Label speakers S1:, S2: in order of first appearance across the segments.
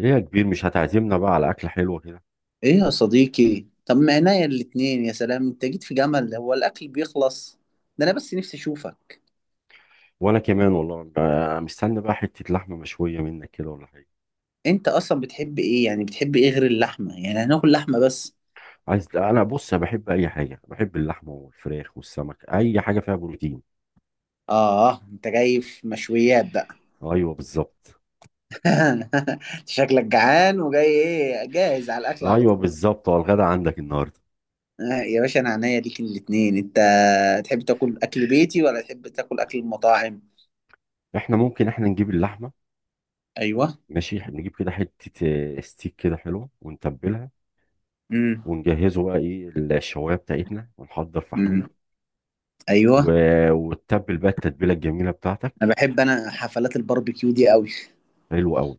S1: ليه يا كبير مش هتعزمنا بقى على أكلة حلوة كده.
S2: ايه يا صديقي؟ طب ما عينيا الاتنين، يا سلام. انت جيت في جمل، هو الاكل بيخلص؟ ده انا بس نفسي اشوفك.
S1: وأنا كمان والله. مستني بقى حتة لحمة مشوية منك كده ولا حاجة.
S2: انت اصلا بتحب ايه يعني، بتحب ايه غير اللحمه، يعني هناكل لحمه بس؟
S1: عايز، أنا بص أنا بحب أي حاجة، بحب اللحمة والفراخ والسمك، أي حاجة فيها بروتين.
S2: اه انت جاي في مشويات بقى.
S1: أيوه بالظبط.
S2: شكلك جعان، وجاي ايه جاهز على الاكل على
S1: أيوه
S2: طول؟
S1: بالظبط، هو الغدا عندك النهاردة؟
S2: آه يا باشا، انا عينيا ليك الاتنين انت. تحب تاكل اكل بيتي ولا تحب تاكل اكل المطاعم؟
S1: إحنا ممكن نجيب اللحمة.
S2: ايوه.
S1: ماشي، نجيب كده حتة ستيك كده حلوة ونتبلها،
S2: امم.
S1: ونجهزه بقى إيه الشواية بتاعتنا ونحضر فحمنا
S2: امم.
S1: و...
S2: ايوه.
S1: وتتبل بقى التتبيلة الجميلة بتاعتك.
S2: انا بحب، انا حفلات الباربيكيو دي قوي.
S1: حلو أوي.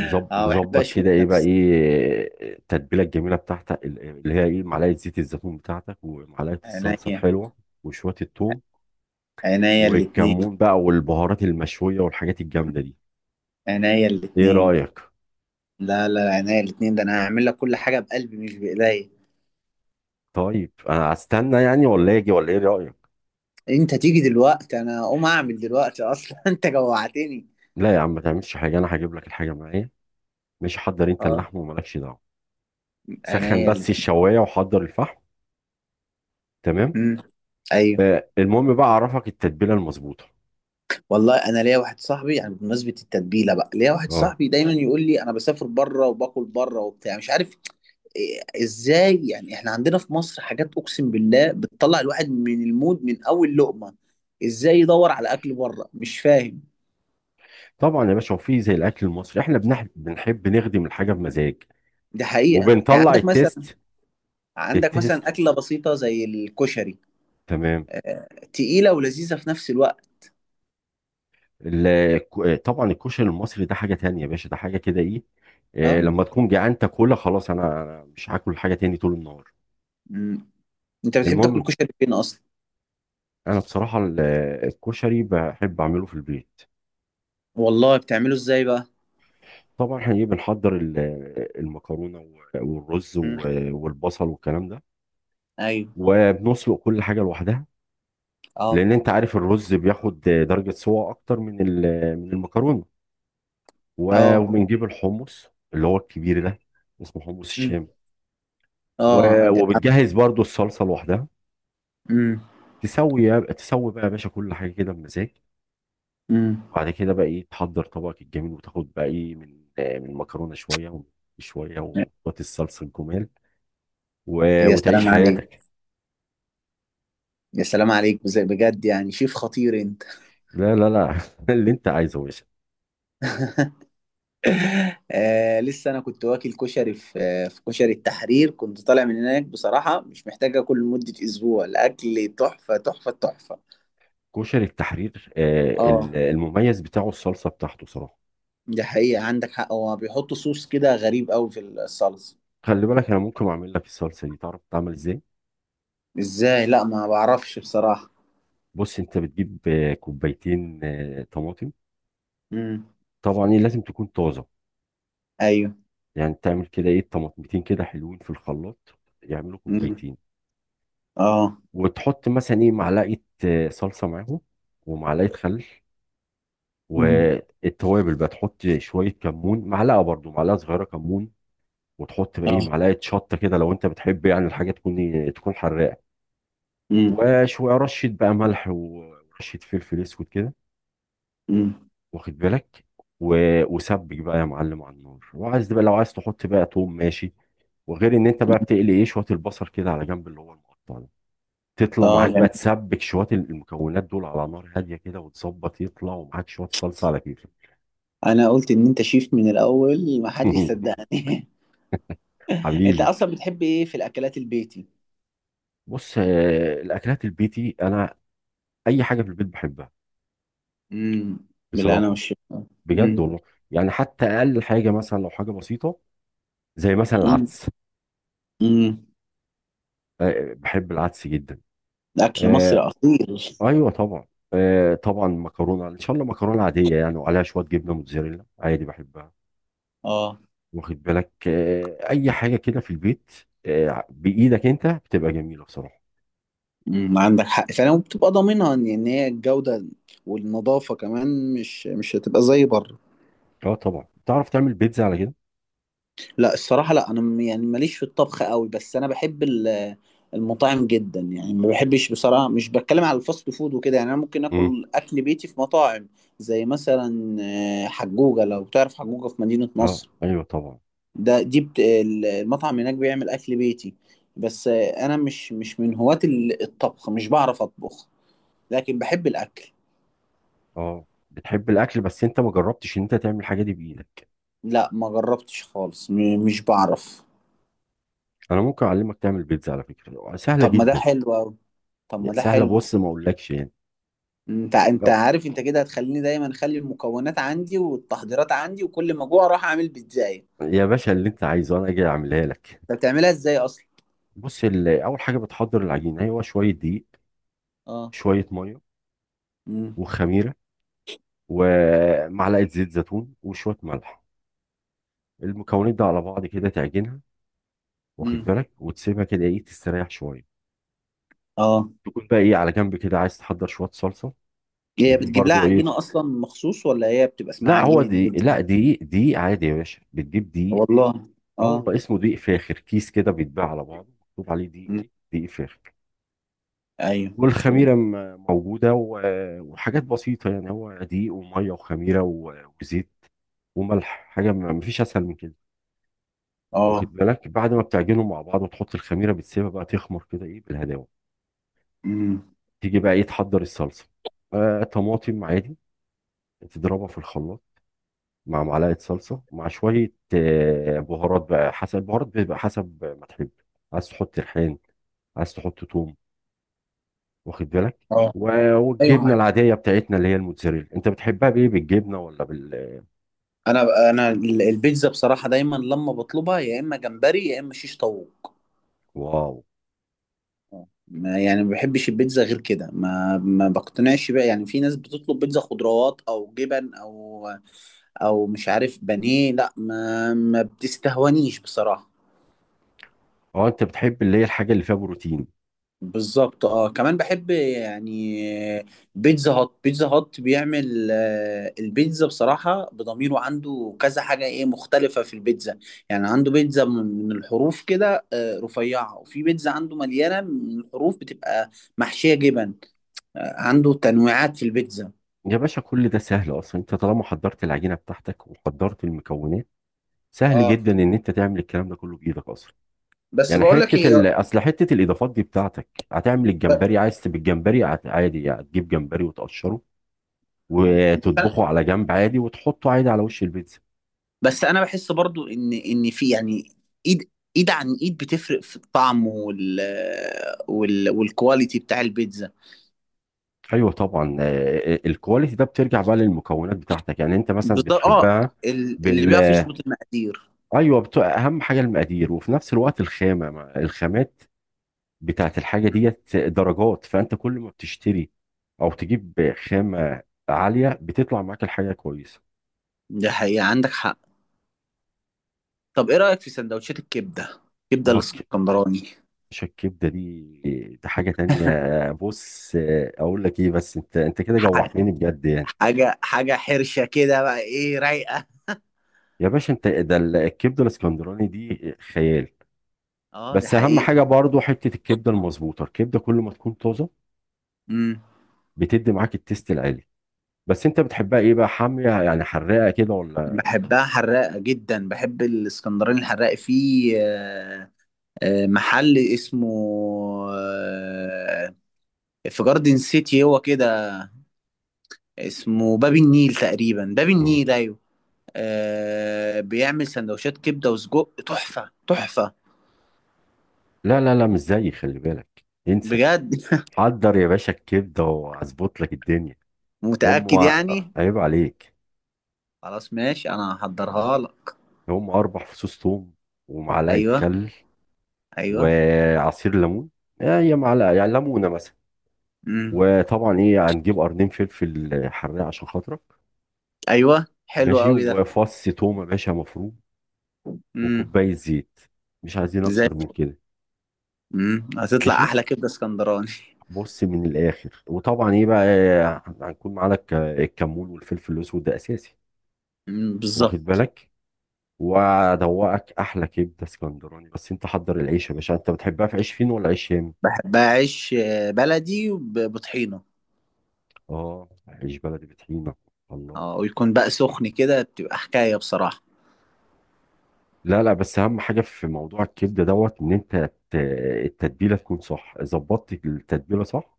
S2: اه بحب
S1: نظبط
S2: اشوف
S1: كده ايه بقى،
S2: نفسي.
S1: ايه التتبيله الجميله بتاعتك، اللي هي ايه، معلقه زيت الزيتون بتاعتك، ومعلقه الصلصه
S2: عينيا.
S1: الحلوه، وشويه الثوم،
S2: عينيا الاتنين.
S1: والكمون بقى، والبهارات المشويه، والحاجات الجامده دي.
S2: عينيا
S1: ايه
S2: الاتنين.
S1: رايك؟
S2: لا لا، عينيا الاتنين، ده انا هعمل لك كل حاجة بقلبي، مش بايديا.
S1: طيب انا استنى يعني، ولا اجي، ولا ايه رايك؟
S2: انت تيجي دلوقتي، انا اقوم اعمل دلوقتي اصلا. انت جوعتني.
S1: لا يا عم، ما تعملش حاجه، انا هجيب لك الحاجه معايا. مش حضر انت
S2: اه.
S1: اللحم، ومالكش دعوه، سخن
S2: عينيا
S1: بس
S2: الاتنين.
S1: الشوايه وحضر الفحم. تمام.
S2: مم. ايوه.
S1: آه، المهم بقى اعرفك التتبيله المظبوطه.
S2: والله انا ليا واحد صاحبي يعني، بمناسبة التتبيلة بقى، ليا واحد
S1: اه
S2: صاحبي دايما يقول لي انا بسافر بره وباكل بره وبتاع، مش عارف. ازاي يعني احنا عندنا في مصر حاجات اقسم بالله بتطلع الواحد من المود من اول لقمة. ازاي يدور على اكل بره؟ مش فاهم.
S1: طبعا يا باشا، وفي زي الاكل المصري، احنا بنحب نخدم الحاجه بمزاج،
S2: دي حقيقة، يعني
S1: وبنطلع
S2: عندك مثلا
S1: التيست.
S2: عندك مثلا
S1: التيست.
S2: أكلة بسيطة زي الكشري.
S1: تمام.
S2: تقيلة ولذيذة في نفس الوقت.
S1: طبعا الكشري المصري ده حاجه تانية يا باشا، ده حاجه كده ايه،
S2: اه.
S1: لما تكون جعان تاكلها خلاص، انا مش هاكل حاجه تاني طول النهار.
S2: مم. انت بتحب تاكل
S1: المهم،
S2: كشري فين اصلا؟
S1: انا بصراحه الكشري بحب اعمله في البيت.
S2: والله بتعمله ازاي بقى؟
S1: طبعا احنا ايه، بنحضر المكرونه، والرز،
S2: مم.
S1: والبصل، والكلام ده،
S2: ايوه.
S1: وبنسلق كل حاجه لوحدها،
S2: اه.
S1: لان انت عارف الرز بياخد درجه سوا اكتر من المكرونه،
S2: اه.
S1: وبنجيب الحمص اللي هو الكبير ده، اسمه حمص
S2: مم.
S1: الشام.
S2: اه
S1: وبتجهز برضو الصلصه لوحدها.
S2: مم.
S1: تسوي بقى يا باشا كل حاجه كده بمزاج،
S2: مم.
S1: وبعد كده بقى ايه تحضر طبقك الجميل، وتاخد بقى ايه من من المكرونه شويه ومن شويه، وتحط الصلصه الجمال،
S2: يا
S1: وتعيش
S2: سلام عليك.
S1: حياتك.
S2: يا سلام عليك بجد، يعني شيف خطير انت.
S1: لا. اللي انت عايزه يا باشا.
S2: آه لسه انا كنت واكل كشري في، في كشري التحرير، كنت طالع من هناك بصراحه، مش محتاج اكل لمده اسبوع، الاكل تحفه تحفه تحفه.
S1: كشري التحرير،
S2: اه
S1: المميز بتاعه الصلصه بتاعته صراحه.
S2: دي حقيقه، عندك حق، هو بيحطوا صوص كده غريب قوي في الصلصه.
S1: خلي بالك، انا ممكن اعمل لك الصلصه دي، تعرف تعمل ازاي؟
S2: ازاي؟ لا ما بعرفش بصراحه.
S1: بص، انت بتجيب كوبايتين طماطم،
S2: امم.
S1: طبعا ايه لازم تكون طازه،
S2: ايوه.
S1: يعني تعمل كده ايه طماطمتين كده حلوين في الخلاط، يعملوا
S2: امم.
S1: كوبايتين،
S2: اه.
S1: وتحط مثلا ايه معلقه صلصه معاهم، ومعلقه خل،
S2: امم.
S1: والتوابل بقى، تحط شويه كمون، معلقه صغيره كمون، وتحط بقى ايه
S2: اه.
S1: معلقه شطه كده لو انت بتحب، يعني الحاجه تكون تكون حراقه،
S2: امم.
S1: وشويه رشه بقى ملح ورشه فلفل اسود كده،
S2: امم.
S1: واخد بالك. و... وسبك بقى يا معلم على النار، وعايز بقى لو عايز تحط بقى توم ماشي، وغير ان انت بقى بتقلي ايه شويه البصل كده على جنب اللي هو المقطع ده، تطلع
S2: اه
S1: معاك بقى
S2: جميل.
S1: تسبك شويه المكونات دول على نار هاديه كده، وتظبط يطلع ومعاك شويه صلصه على كيفك.
S2: انا قلت ان انت شيف من الاول، ما حدش صدقني. انت
S1: حبيبي.
S2: اصلا بتحب ايه في الاكلات البيتي؟
S1: بص، الاكلات البيتي، انا اي حاجه في البيت بحبها
S2: امم. بالله، انا
S1: بصراحه،
S2: والشيف.
S1: بجد والله. يعني حتى اقل حاجه مثلا، لو حاجه بسيطه زي مثلا
S2: مم.
S1: العدس،
S2: مم.
S1: بحب العدس جدا.
S2: اكل مصر
S1: آه،
S2: اصيل.
S1: ايوه طبعا. آه طبعا مكرونه ان شاء الله، مكرونه عاديه يعني وعليها شويه جبنه موتزاريلا، عادي بحبها.
S2: اه.
S1: واخد بالك، آه اي حاجه كده في البيت، آه بايدك انت بتبقى جميله بصراحه.
S2: مم. عندك حق فعلا، وبتبقى ضامنها ان، هي الجوده، والنظافه كمان، مش هتبقى زي بره.
S1: اه طبعا، تعرف تعمل بيتزا على كده؟
S2: لا الصراحه، لا انا يعني ماليش في الطبخ قوي، بس انا بحب المطاعم جدا، يعني ما بحبش بصراحه، مش بتكلم على الفاست فود وكده، يعني انا ممكن
S1: امم
S2: اكل اكل بيتي في مطاعم. زي مثلا حجوجه، لو تعرف حجوجه في مدينه
S1: اه
S2: نصر.
S1: ايوه طبعا.
S2: ده، المطعم هناك بيعمل اكل بيتي. بس انا مش من هواة الطبخ، مش بعرف اطبخ. لكن بحب الاكل.
S1: اه بتحب الاكل، بس انت ما جربتش ان انت تعمل الحاجه دي بايدك.
S2: لا ما جربتش خالص، مش بعرف.
S1: انا ممكن اعلمك تعمل بيتزا، على فكره سهله
S2: طب ما ده
S1: جدا.
S2: حلو أوي. طب ما ده
S1: سهله،
S2: حلو.
S1: بص ما اقولكش يعني.
S2: انت
S1: آه،
S2: عارف، انت كده هتخليني دايما اخلي المكونات عندي والتحضيرات عندي، وكل ما اجوع اروح اعمل بيتزاية.
S1: يا باشا اللي انت عايزه انا اجي اعملها لك.
S2: انت بتعملها ازاي اصلا؟
S1: بص، اول حاجه بتحضر العجينه، هو شويه دقيق،
S2: اه.
S1: شوية مية،
S2: امم.
S1: وخميرة، ومعلقة زيت زيتون، وشوية ملح. المكونات دي على بعض كده تعجنها، واخد
S2: امم.
S1: بالك، وتسيبها كده ايه تستريح شوية،
S2: اه.
S1: تكون بقى ايه على جنب كده، عايز تحضر شوية صلصة.
S2: هي
S1: بتجيب
S2: بتجيب لها
S1: برضو ايه،
S2: عجينة اصلا مخصوص ولا هي بتبقى اسمها
S1: لا هو
S2: عجينة
S1: دقيق، لا
S2: بيتزا؟
S1: دقيق دقيق عادي يا باشا، بتجيب دقيق.
S2: والله.
S1: اه
S2: اه.
S1: والله اسمه دقيق فاخر، كيس كده بيتباع على بعضه، مكتوب عليه دقيق
S2: مم.
S1: ايه دقيق فاخر.
S2: ايوه.
S1: والخميرة موجودة، وحاجات بسيطة يعني، هو دقيق ومية وخميرة وزيت وملح، حاجة ما فيش أسهل من كده. واخد
S2: اه.
S1: بالك، بعد ما بتعجنهم مع بعض وتحط الخميره، بتسيبها بقى تخمر كده ايه بالهداوه.
S2: امم.
S1: تيجي بقى ايه تحضر الصلصه، آه طماطم عادي، تضربها في الخلاط مع معلقه صلصه، مع شويه آه بهارات بقى حسب، البهارات بيبقى حسب ما تحب، عاز تحط ريحان، عايز تحط توم، واخد بالك.
S2: اه. ايوه
S1: والجبنه
S2: معاك.
S1: العاديه بتاعتنا اللي هي الموتزاريلا، انت بتحبها بايه، بالجبنه ولا بال؟
S2: انا البيتزا بصراحه، دايما لما بطلبها يا اما جمبري يا اما شيش طاووق.
S1: واو.
S2: آه. ما يعني ما بحبش البيتزا غير كده، ما بقتنعش بقى، يعني في ناس بتطلب بيتزا خضروات او جبن او، او مش عارف، بانيه. لا ما بتستهونيش بصراحه.
S1: اه، انت بتحب اللي هي الحاجه اللي فيها بروتين.
S2: بالظبط اه، كمان بحب يعني بيتزا هات، بيتزا هات بيعمل البيتزا بصراحة بضميره، عنده كذا حاجة ايه مختلفة في البيتزا. يعني عنده بيتزا من الحروف كده رفيعة، وفي بيتزا عنده مليانة من الحروف بتبقى محشية جبن. آه، عنده تنويعات في البيتزا.
S1: يا باشا كل ده سهل اصلا، انت طالما حضرت العجينه بتاعتك وحضرت المكونات، سهل
S2: اه.
S1: جدا ان انت تعمل الكلام ده كله بايدك اصلا.
S2: بس
S1: يعني
S2: بقول لك ايه.
S1: اصل حته الاضافات دي بتاعتك هتعمل الجمبري، عايز تبقى الجمبري، عادي يعني هتجيب جمبري وتقشره،
S2: ب-
S1: وتطبخه على جنب عادي، وتحطه عادي على وش البيتزا.
S2: بس انا بحس برضو ان في يعني ايد، ايد عن ايد بتفرق في الطعم، والكواليتي بتاع البيتزا.
S1: ايوه طبعا، الكواليتي ده بترجع بقى للمكونات بتاعتك، يعني انت مثلا
S2: بالظبط اه.
S1: بتحبها
S2: اللي
S1: بال.
S2: بيعرف يظبط المقادير.
S1: ايوه اهم حاجه المقادير، وفي نفس الوقت الخامه الخامات بتاعت الحاجه، ديت درجات، فانت كل ما بتشتري او تجيب خامه عاليه، بتطلع معاك الحاجه كويسه.
S2: ده حقيقة، عندك حق. طب ايه رأيك في سندوتشات الكبدة؟ الكبدة
S1: اه،
S2: الاسكندراني.
S1: كبشه الكبده دي، دي حاجه تانية. بص، اقول لك ايه، بس انت كده
S2: ح-
S1: جوعتني بجد يعني.
S2: حاجة حرشة كده بقى، ايه رايقة.
S1: يا باشا انت ده الكبده الاسكندراني دي خيال.
S2: اه دي
S1: بس اهم
S2: حقيقة.
S1: حاجه برضو حته الكبده المظبوطه، الكبده كل ما تكون طازه،
S2: امم.
S1: بتدي معاك التيست العالي. بس انت بتحبها ايه بقى، حاميه يعني حراقه كده، ولا؟
S2: بحبها حراقة جدا، بحب الاسكندراني الحراق في، آه، محل اسمه، آه، في جاردن سيتي هو كده. اسمه باب النيل تقريبا، باب
S1: مم.
S2: النيل، ايوه. آه بيعمل سندوتشات كبده وسجق، تحفه تحفه.
S1: لا. مش زيي، خلي بالك انسى.
S2: بجد.
S1: حضر يا باشا الكبده واظبط لك الدنيا. هم
S2: متاكد يعني؟
S1: عيب عليك.
S2: خلاص ماشي، انا هحضرها لك.
S1: 4 فصوص ثوم، ومعلقه
S2: ايوه.
S1: خل،
S2: ايوه.
S1: وعصير ليمون، آه، هي معلقه يعني، ليمونه مثلا،
S2: امم.
S1: وطبعا ايه هنجيب 2 قرن فلفل حراق عشان خاطرك،
S2: ايوه حلو
S1: ماشي،
S2: قوي ده.
S1: وفص تومه باشا مفروم،
S2: امم.
S1: وكوبايه زيت، مش عايزين
S2: زي
S1: اكتر من كده.
S2: هتطلع
S1: ماشي،
S2: احلى كبده اسكندراني.
S1: بص من الاخر، وطبعا ايه بقى هنكون معانا الكمون والفلفل الاسود، ده اساسي، واخد
S2: بالظبط.
S1: بالك، وادوقك احلى كبده اسكندراني. بس انت حضر العيش يا باشا، انت بتحبها في عيش فين، ولا عيش شام؟
S2: بحبها عيش بلدي بطحينه.
S1: اه عيش بلدي بطحينه. الله.
S2: اه، ويكون بقى سخن كده، بتبقى حكايه بصراحه.
S1: لا لا، بس اهم حاجه في موضوع الكبده دوت، ان انت ت- التتبيله تكون صح، ظبطت التتبيله صح،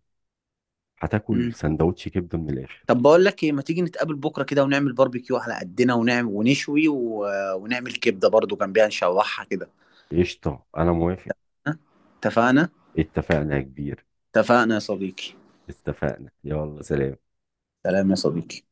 S1: هتاكل سندوتش كبده من الاخر.
S2: طب بقول لك ايه، ما تيجي نتقابل بكره كده ونعمل باربيكيو على قدنا، ونعمل ونشوي ونعمل كبده برضو جنبيها نشوحها كده.
S1: قشطه انا موافق.
S2: ها؟ اتفقنا.
S1: اتفقنا يا كبير.
S2: اتفقنا يا صديقي.
S1: اتفقنا، يلا سلام.
S2: سلام يا صديقي.